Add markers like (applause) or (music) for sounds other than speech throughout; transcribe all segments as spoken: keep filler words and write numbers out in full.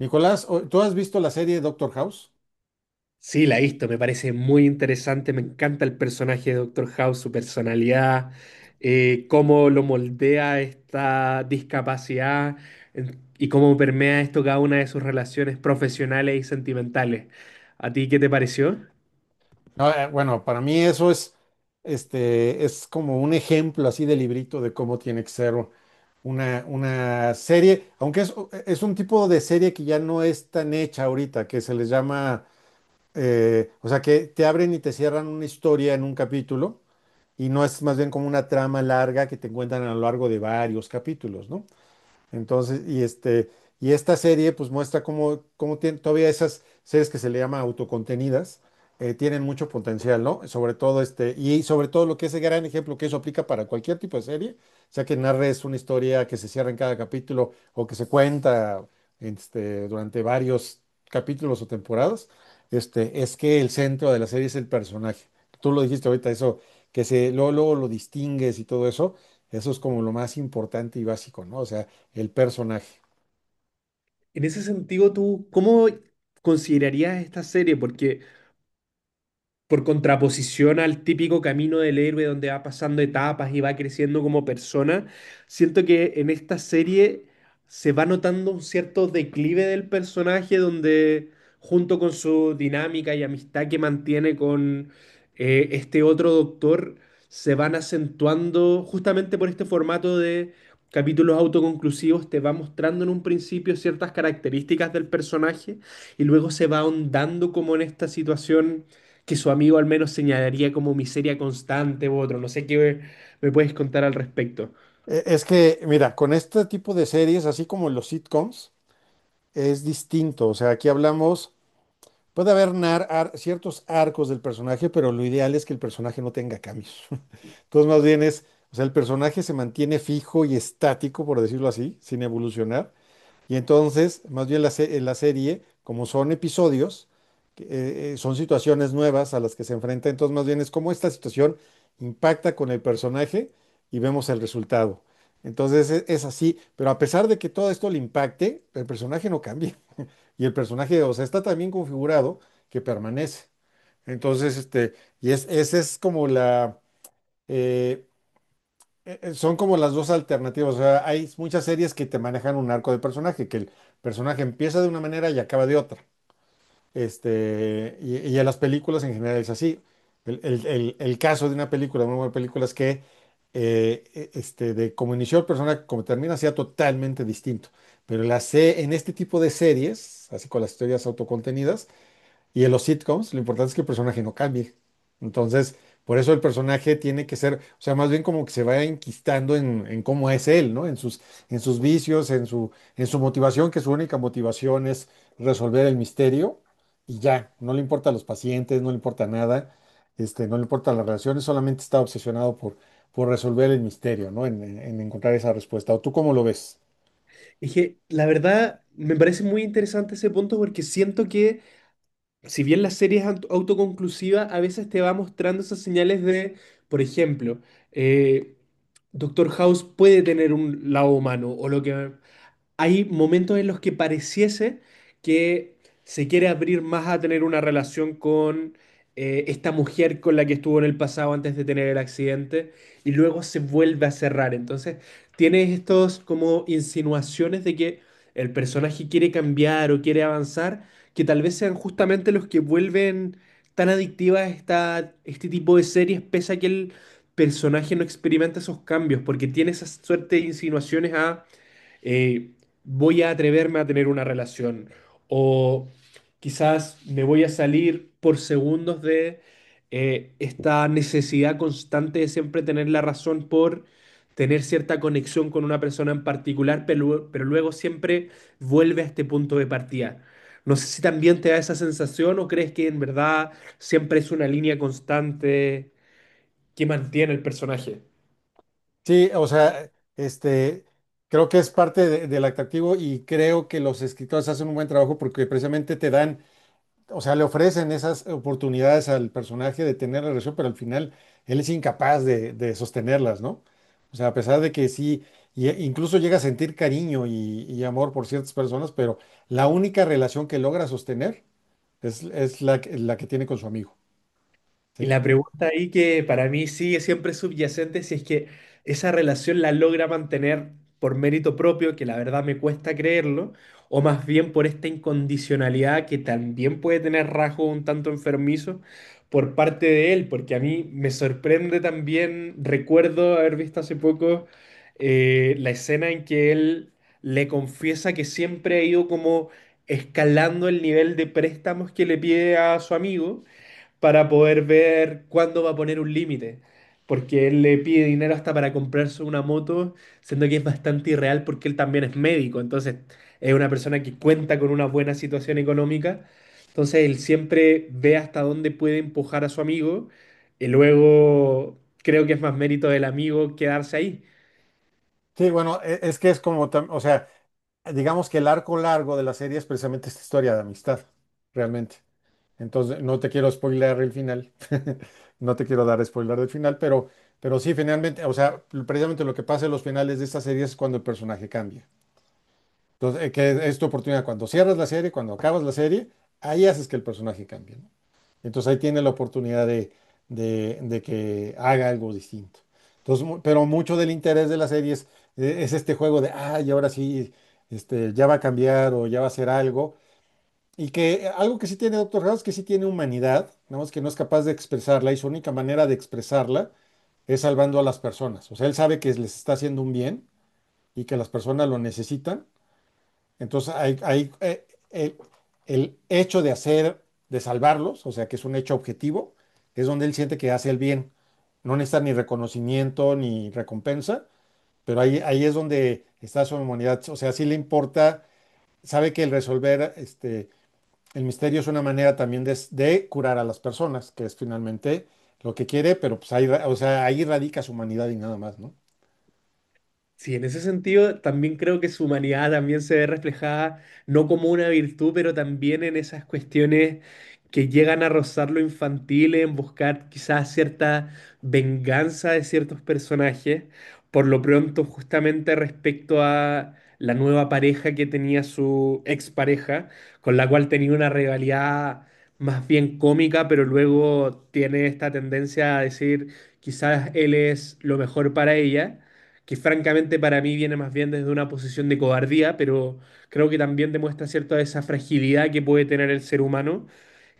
Nicolás, o- ¿tú has visto la serie Doctor House? Sí, la he visto, me parece muy interesante, me encanta el personaje de Doctor House, su personalidad, eh, cómo lo moldea esta discapacidad en- y cómo permea esto cada una de sus relaciones profesionales y sentimentales. ¿A ti qué te pareció? No, eh, bueno, para mí eso es, este, es como un ejemplo así de librito de cómo tiene que ser una, una serie, aunque es, es un tipo de serie que ya no es tan hecha ahorita, que se les llama, eh, o sea, que te abren y te cierran una historia en un capítulo y no es más bien como una trama larga que te encuentran a lo largo de varios capítulos, ¿no? Entonces, y este, y esta serie pues muestra cómo, cómo tienen todavía esas series que se le llama autocontenidas, eh, tienen mucho potencial, ¿no? Sobre todo este, y sobre todo lo que es el gran ejemplo que eso aplica para cualquier tipo de serie, o sea que narres una historia que se cierra en cada capítulo o que se cuenta este, durante varios capítulos o temporadas, este, es que el centro de la serie es el personaje. Tú lo dijiste ahorita, eso, que se, luego, luego lo distingues y todo eso, eso es como lo más importante y básico, ¿no? O sea, el personaje. En ese sentido, ¿tú cómo considerarías esta serie? Porque por contraposición al típico camino del héroe donde va pasando etapas y va creciendo como persona, siento que en esta serie se va notando un cierto declive del personaje donde junto con su dinámica y amistad que mantiene con eh, este otro doctor, se van acentuando justamente por este formato de capítulos autoconclusivos, te va mostrando en un principio ciertas características del personaje y luego se va ahondando como en esta situación que su amigo al menos señalaría como miseria constante u otro. No sé qué me, me puedes contar al respecto. E- Es que, mira, con este tipo de series, así como los sitcoms, es distinto. O sea, aquí hablamos, puede haber nar- ar- ciertos arcos del personaje, pero lo ideal es que el personaje no tenga cambios. (laughs) Entonces, más bien es, o sea, el personaje se mantiene fijo y estático, por decirlo así, sin evolucionar. Y entonces, más bien la, se- eh, la serie, como son episodios, que, eh, eh, son situaciones nuevas a las que se enfrenta, entonces más bien es cómo esta situación impacta con el personaje y vemos el resultado. Entonces e- es, así, pero a pesar de que todo esto le impacte, el personaje no cambia. Y el personaje, o sea, está tan bien configurado que permanece. Entonces, este, y es, esa es como la, eh, eh, eh, son como las dos alternativas. O sea, hay muchas series que te manejan un arco de personaje, que el personaje empieza de una manera y acaba de otra. Este, y, y en las películas en general es así. El, el- el- el caso de una película, una buena película es que eh, e- este, de cómo inició el personaje, como termina, sea totalmente distinto. Pero la se- en este tipo de series, así con las historias autocontenidas, y en los sitcoms, lo importante es que el personaje no cambie. Entonces, por eso el personaje tiene que ser, o sea, más bien como que se vaya enquistando en, en cómo es él, ¿no? En sus, en sus vicios, en su, en su motivación, que su única motivación es resolver el misterio y ya, no le importa a los pacientes, no le importa nada, este, no le importa las relaciones, solamente está obsesionado por, por resolver el misterio, ¿no? En, en en encontrar esa respuesta. ¿O tú cómo lo ves? Es que la verdad, me parece muy interesante ese punto porque siento que, si bien la serie es aut- autoconclusiva, a veces te va mostrando esas señales de, por ejemplo, eh, Doctor House puede tener un lado humano, o lo que hay momentos en los que pareciese que se quiere abrir más a tener una relación con eh, esta mujer con la que estuvo en el pasado antes de tener el accidente y luego se vuelve a cerrar. Entonces, tienes estos como insinuaciones de que el personaje quiere cambiar o quiere avanzar, que tal vez sean justamente los que vuelven tan adictivas esta, este tipo de series, pese a que el personaje no experimenta esos cambios, porque tiene esa suerte de insinuaciones a eh, voy a atreverme a tener una relación o quizás me voy a salir por segundos de eh, esta necesidad constante de siempre tener la razón por tener cierta conexión con una persona en particular, pero, pero luego siempre vuelve a este punto de partida. No sé si también te da esa sensación o crees que en verdad siempre es una línea constante que mantiene el personaje. Sí, o sea, este, creo que es parte de- del atractivo y creo que los escritores hacen un buen trabajo porque precisamente te dan, o sea, le ofrecen esas oportunidades al personaje de tener relación, pero al final él es incapaz de, de sostenerlas, ¿no? O sea, a pesar de que sí, y- e, incluso llega a sentir cariño y, y amor por ciertas personas, pero la única relación que logra sostener es, es la, que- la que tiene con su amigo, Y ¿sí? la pregunta ahí que para mí sigue siempre subyacente, si es que esa relación la logra mantener por mérito propio, que la verdad me cuesta creerlo, o más bien por esta incondicionalidad que también puede tener rasgos un tanto enfermizos por parte de él, porque a mí me sorprende también, recuerdo haber visto hace poco eh, la escena en que él le confiesa que siempre ha ido como escalando el nivel de préstamos que le pide a su amigo para poder ver cuándo va a poner un límite. Porque él le pide dinero hasta para comprarse una moto, siendo que es bastante irreal porque él también es médico. Entonces, es una persona que cuenta con una buena situación económica. Entonces, él siempre ve hasta dónde puede empujar a su amigo. Y luego, creo que es más mérito del amigo quedarse ahí. Sí, bueno, e- es que es como, tam- o sea, digamos que el arco largo de la serie es precisamente esta historia de amistad, realmente. Entonces, no te quiero spoiler el final, (laughs) no te quiero dar spoiler del final, pero, pero sí, finalmente, o sea, precisamente lo que pasa en los finales de esta serie es cuando el personaje cambia. Entonces, eh, que es tu oportunidad. Cuando cierras la serie, cuando acabas la serie, ahí haces que el personaje cambie, ¿no? Entonces ahí tiene la oportunidad de, de- de que haga algo distinto. Entonces, mu- pero mucho del interés de la serie es, eh, es este juego de, ay, ahora sí, este, ya va a cambiar o ya va a hacer algo. Y que eh, algo que sí tiene Doctor House, que sí tiene humanidad, nada más que no es capaz de expresarla y su única manera de expresarla es salvando a las personas. O sea, él sabe que les está haciendo un bien y que las personas lo necesitan, entonces, hay, hay, eh, el, el hecho de hacer, de salvarlos, o sea, que es un hecho objetivo, es donde él siente que hace el bien. No necesita ni reconocimiento ni recompensa, pero ahí, ahí es donde está su humanidad. O sea, sí le importa, sabe que el resolver este, el misterio es una manera también de, de curar a las personas, que es finalmente lo que quiere, pero pues ahí, ra- o sea, ahí radica su humanidad y nada más, ¿no? Sí, en ese sentido también creo que su humanidad también se ve reflejada, no como una virtud, pero también en esas cuestiones que llegan a rozar lo infantil, en buscar quizás cierta venganza de ciertos personajes, por lo pronto justamente respecto a la nueva pareja que tenía su expareja, con la cual tenía una rivalidad más bien cómica, pero luego tiene esta tendencia a decir quizás él es lo mejor para ella que francamente para mí viene más bien desde una posición de cobardía, pero creo que también demuestra cierta esa fragilidad que puede tener el ser humano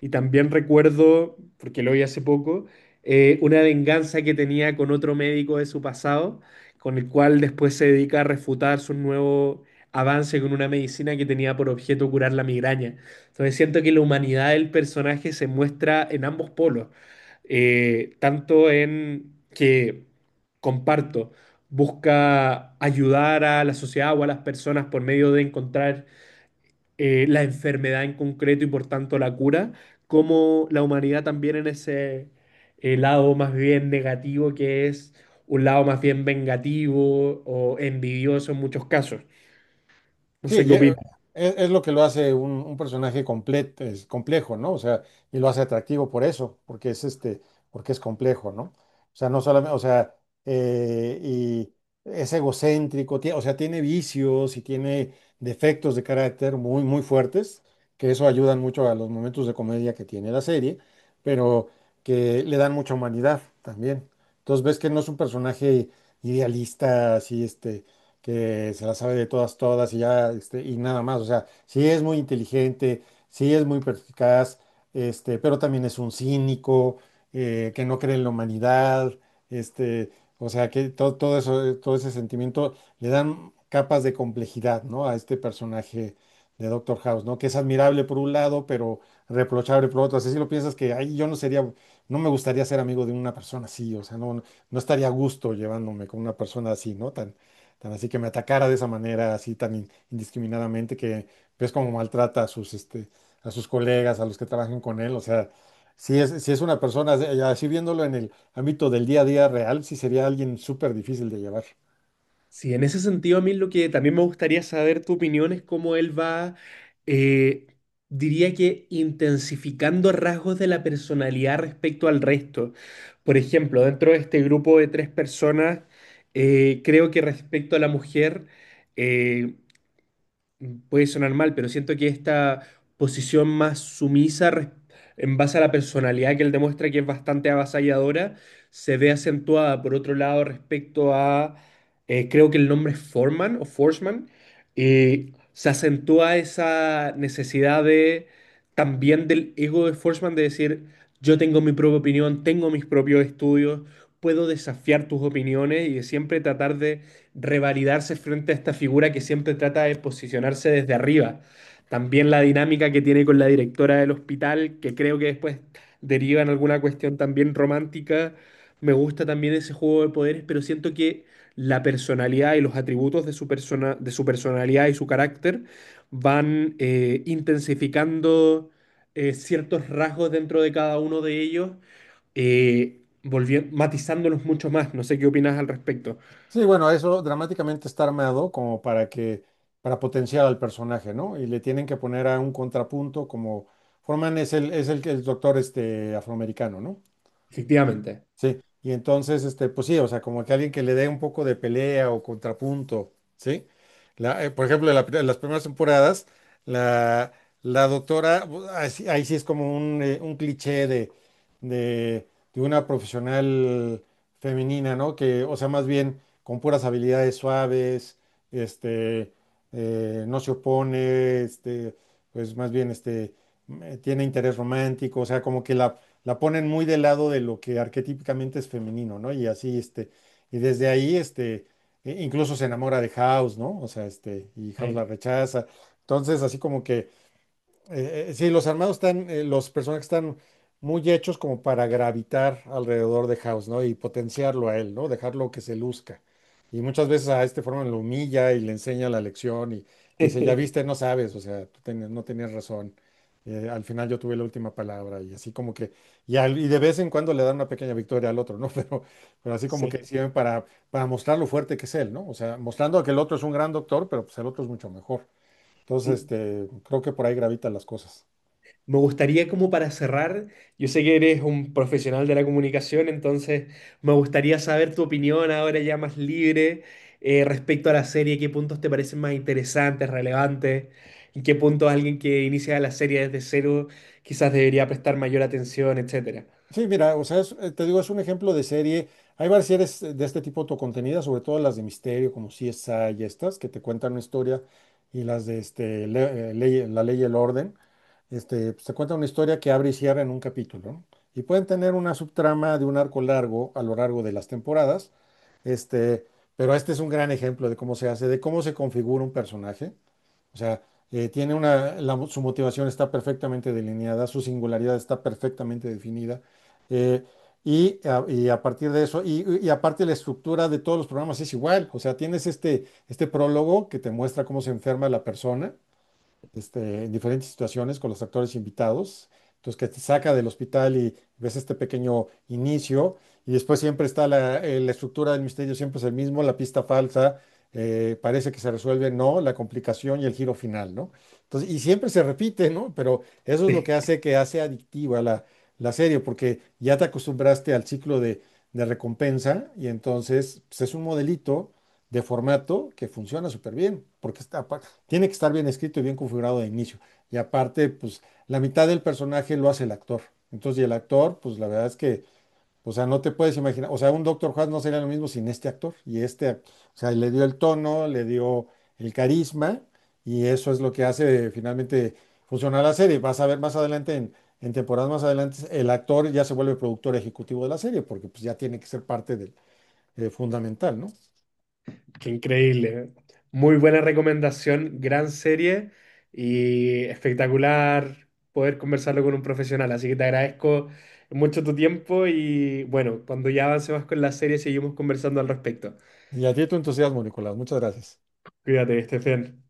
y también recuerdo, porque lo vi hace poco, eh, una venganza que tenía con otro médico de su pasado, con el cual después se dedica a refutar su nuevo avance con una medicina que tenía por objeto curar la migraña. Entonces siento que la humanidad del personaje se muestra en ambos polos, eh, tanto en que, comparto, busca ayudar a la sociedad o a las personas por medio de encontrar eh, la enfermedad en concreto y por tanto la cura, como la humanidad también en ese eh, lado más bien negativo que es un lado más bien vengativo o envidioso en muchos casos. No Sí, sé qué y, eh, opinas. es, es lo que lo hace un, un personaje completo, es complejo, ¿no? O sea, y lo hace atractivo por eso, porque es este, porque es complejo, ¿no? O sea, no solamente, o sea, eh, y es egocéntrico, tie- o sea, tiene vicios y tiene defectos de carácter muy, muy fuertes, que eso ayudan mucho a los momentos de comedia que tiene la serie, pero que le dan mucha humanidad también. Entonces ves que no es un personaje idealista, así, este, que se la sabe de todas, todas y ya, este, y nada más. O sea, sí es muy inteligente, sí es muy perspicaz, este, pero también es un cínico, eh, que no cree en la humanidad, este, o sea, que todo, todo eso, eh, todo ese sentimiento le dan capas de complejidad, ¿no? A este personaje de Doctor House, ¿no? Que es admirable por un lado, pero reprochable por otro. Así si lo piensas que, ay, yo no sería, no me gustaría ser amigo de una persona así, o sea, no, no estaría a gusto llevándome con una persona así, ¿no? Tan, tan así que me atacara de esa manera, así tan in- indiscriminadamente, que ves cómo maltrata a sus, este, a sus colegas, a los que trabajan con él. O sea, si es, si es una persona, de- así viéndolo en el ámbito del día a día real, sí sería alguien súper difícil de llevar. Sí, en ese sentido, a mí lo que también me gustaría saber tu opinión es cómo él va, eh, diría que intensificando rasgos de la personalidad respecto al resto. Por ejemplo, dentro de este grupo de tres personas, eh, creo que respecto a la mujer, eh, puede sonar mal, pero siento que esta posición más sumisa res- en base a la personalidad que él demuestra que es bastante avasalladora, se ve acentuada por otro lado respecto a, eh, creo que el nombre es Foreman o Forsman, eh, se acentúa esa necesidad de también del ego de Forsman de decir, yo tengo mi propia opinión, tengo mis propios estudios, puedo desafiar tus opiniones y de siempre tratar de revalidarse frente a esta figura que siempre trata de posicionarse desde arriba. También la dinámica que tiene con la directora del hospital, que creo que después deriva en alguna cuestión también romántica. Me gusta también ese juego de poderes, pero siento que la personalidad y los atributos de su persona, de su personalidad y su carácter van eh, intensificando eh, ciertos rasgos dentro de cada uno de ellos, eh, volvien- matizándolos mucho más. No sé qué opinas al respecto. Sí, bueno, eso dramáticamente está armado como para que, para potenciar al personaje, ¿no? Y le tienen que poner a un contrapunto como Forman es el, es el, el doctor este, afroamericano, ¿no? Efectivamente. Sí, y entonces, este, pues sí, o sea, como que alguien que le dé un poco de pelea o contrapunto, ¿sí? La, eh, por ejemplo, en la pri- en las primeras temporadas, la, la doctora, bu- ahí sí ahí sí es como un, eh, un cliché de, de, de una profesional femenina, ¿no? Que, o sea, más bien con puras habilidades suaves, este, eh, no se opone, este, pues más bien, este, mm, eh, tiene interés romántico, o sea, como que la la ponen muy del lado de lo que arquetípicamente es femenino, ¿no? Y así, este, y desde ahí, este, e- incluso se enamora de House, ¿no? O sea, este, y House Sí, la rechaza. Entonces, así como que eh, eh, sí, los armados están, eh, los personajes están muy hechos como para gravitar alrededor de House, ¿no? Y potenciarlo a él, ¿no? Dejarlo que se luzca. Y muchas veces a este Foreman lo humilla y le enseña la lección y dice, ya (laughs) viste, no sabes, o sea, tú ten- no tenías razón. Eh, al final yo tuve la última palabra y así como que, y, al- y de vez en cuando le dan una pequeña victoria al otro, ¿no? (laughs) Pero, pero así como sí, que sirve para, para mostrar lo fuerte que es él, ¿no? O sea, mostrando que el otro es un gran doctor, pero pues el otro es mucho mejor. Entonces, sí. este, creo que por ahí gravitan las cosas. Me gustaría como para cerrar, yo sé que eres un profesional de la comunicación, entonces me gustaría saber tu opinión ahora ya más libre eh, respecto a la serie, qué puntos te parecen más interesantes, relevantes, en qué puntos alguien que inicia la serie desde cero quizás debería prestar mayor atención, etcétera. Sí, mira, o sea, es- eh, te digo, es un ejemplo de serie. Hay varias series eh, de este tipo autocontenidas, sobre todo las de misterio, como C S I y estas, que te cuentan una historia, y las de este, le- eh, ley- La Ley y el Orden, este, pues, te cuentan una historia que abre y cierra en un capítulo, ¿no? Y pueden tener una subtrama de un arco largo a lo largo de las temporadas, este, pero este es un gran ejemplo de cómo se hace, de cómo se configura un personaje. O sea, eh, tiene una, la- su motivación está perfectamente delineada, su singularidad está perfectamente definida. eh, y, a, y a partir de eso, y, y aparte la estructura de todos los programas es igual. O sea, tienes este, este prólogo que te muestra cómo se enferma la persona, este, en diferentes situaciones con los actores invitados. Entonces, que te saca del hospital y ves este pequeño inicio, y después siempre está la, eh, la estructura del misterio, siempre es el mismo, la pista falsa, eh, parece que se resuelve, no, la complicación y el giro final, ¿no? Entonces, y siempre se repite, ¿no? Pero eso es lo que hace que hace adictiva la, la serie, porque ya te acostumbraste al ciclo de, de recompensa, y entonces pues, es un modelito de formato que funciona súper bien, porque está, tiene que estar bien escrito y bien configurado de inicio. Y aparte, pues la mitad del personaje lo hace el actor. Entonces, y el actor, pues la verdad es que, o sea, no te puedes imaginar, o sea, un Doctor House no sería lo mismo sin este actor. Y este, ac- o sea, le dio el tono, le dio el carisma, y eso es lo que hace finalmente funcionar la serie. Vas a ver más adelante, en, en temporadas más adelante, el actor ya se vuelve productor ejecutivo de la serie, porque pues ya tiene que ser parte del, eh, fundamental, ¿no? Qué increíble. Muy buena recomendación, gran serie y espectacular poder conversarlo con un profesional. Así que te agradezco mucho tu tiempo y bueno, cuando ya avancemos con la serie seguimos conversando al respecto. Y a ti tu entusiasmo, Nicolás. Muchas gracias. Cuídate, Estefan.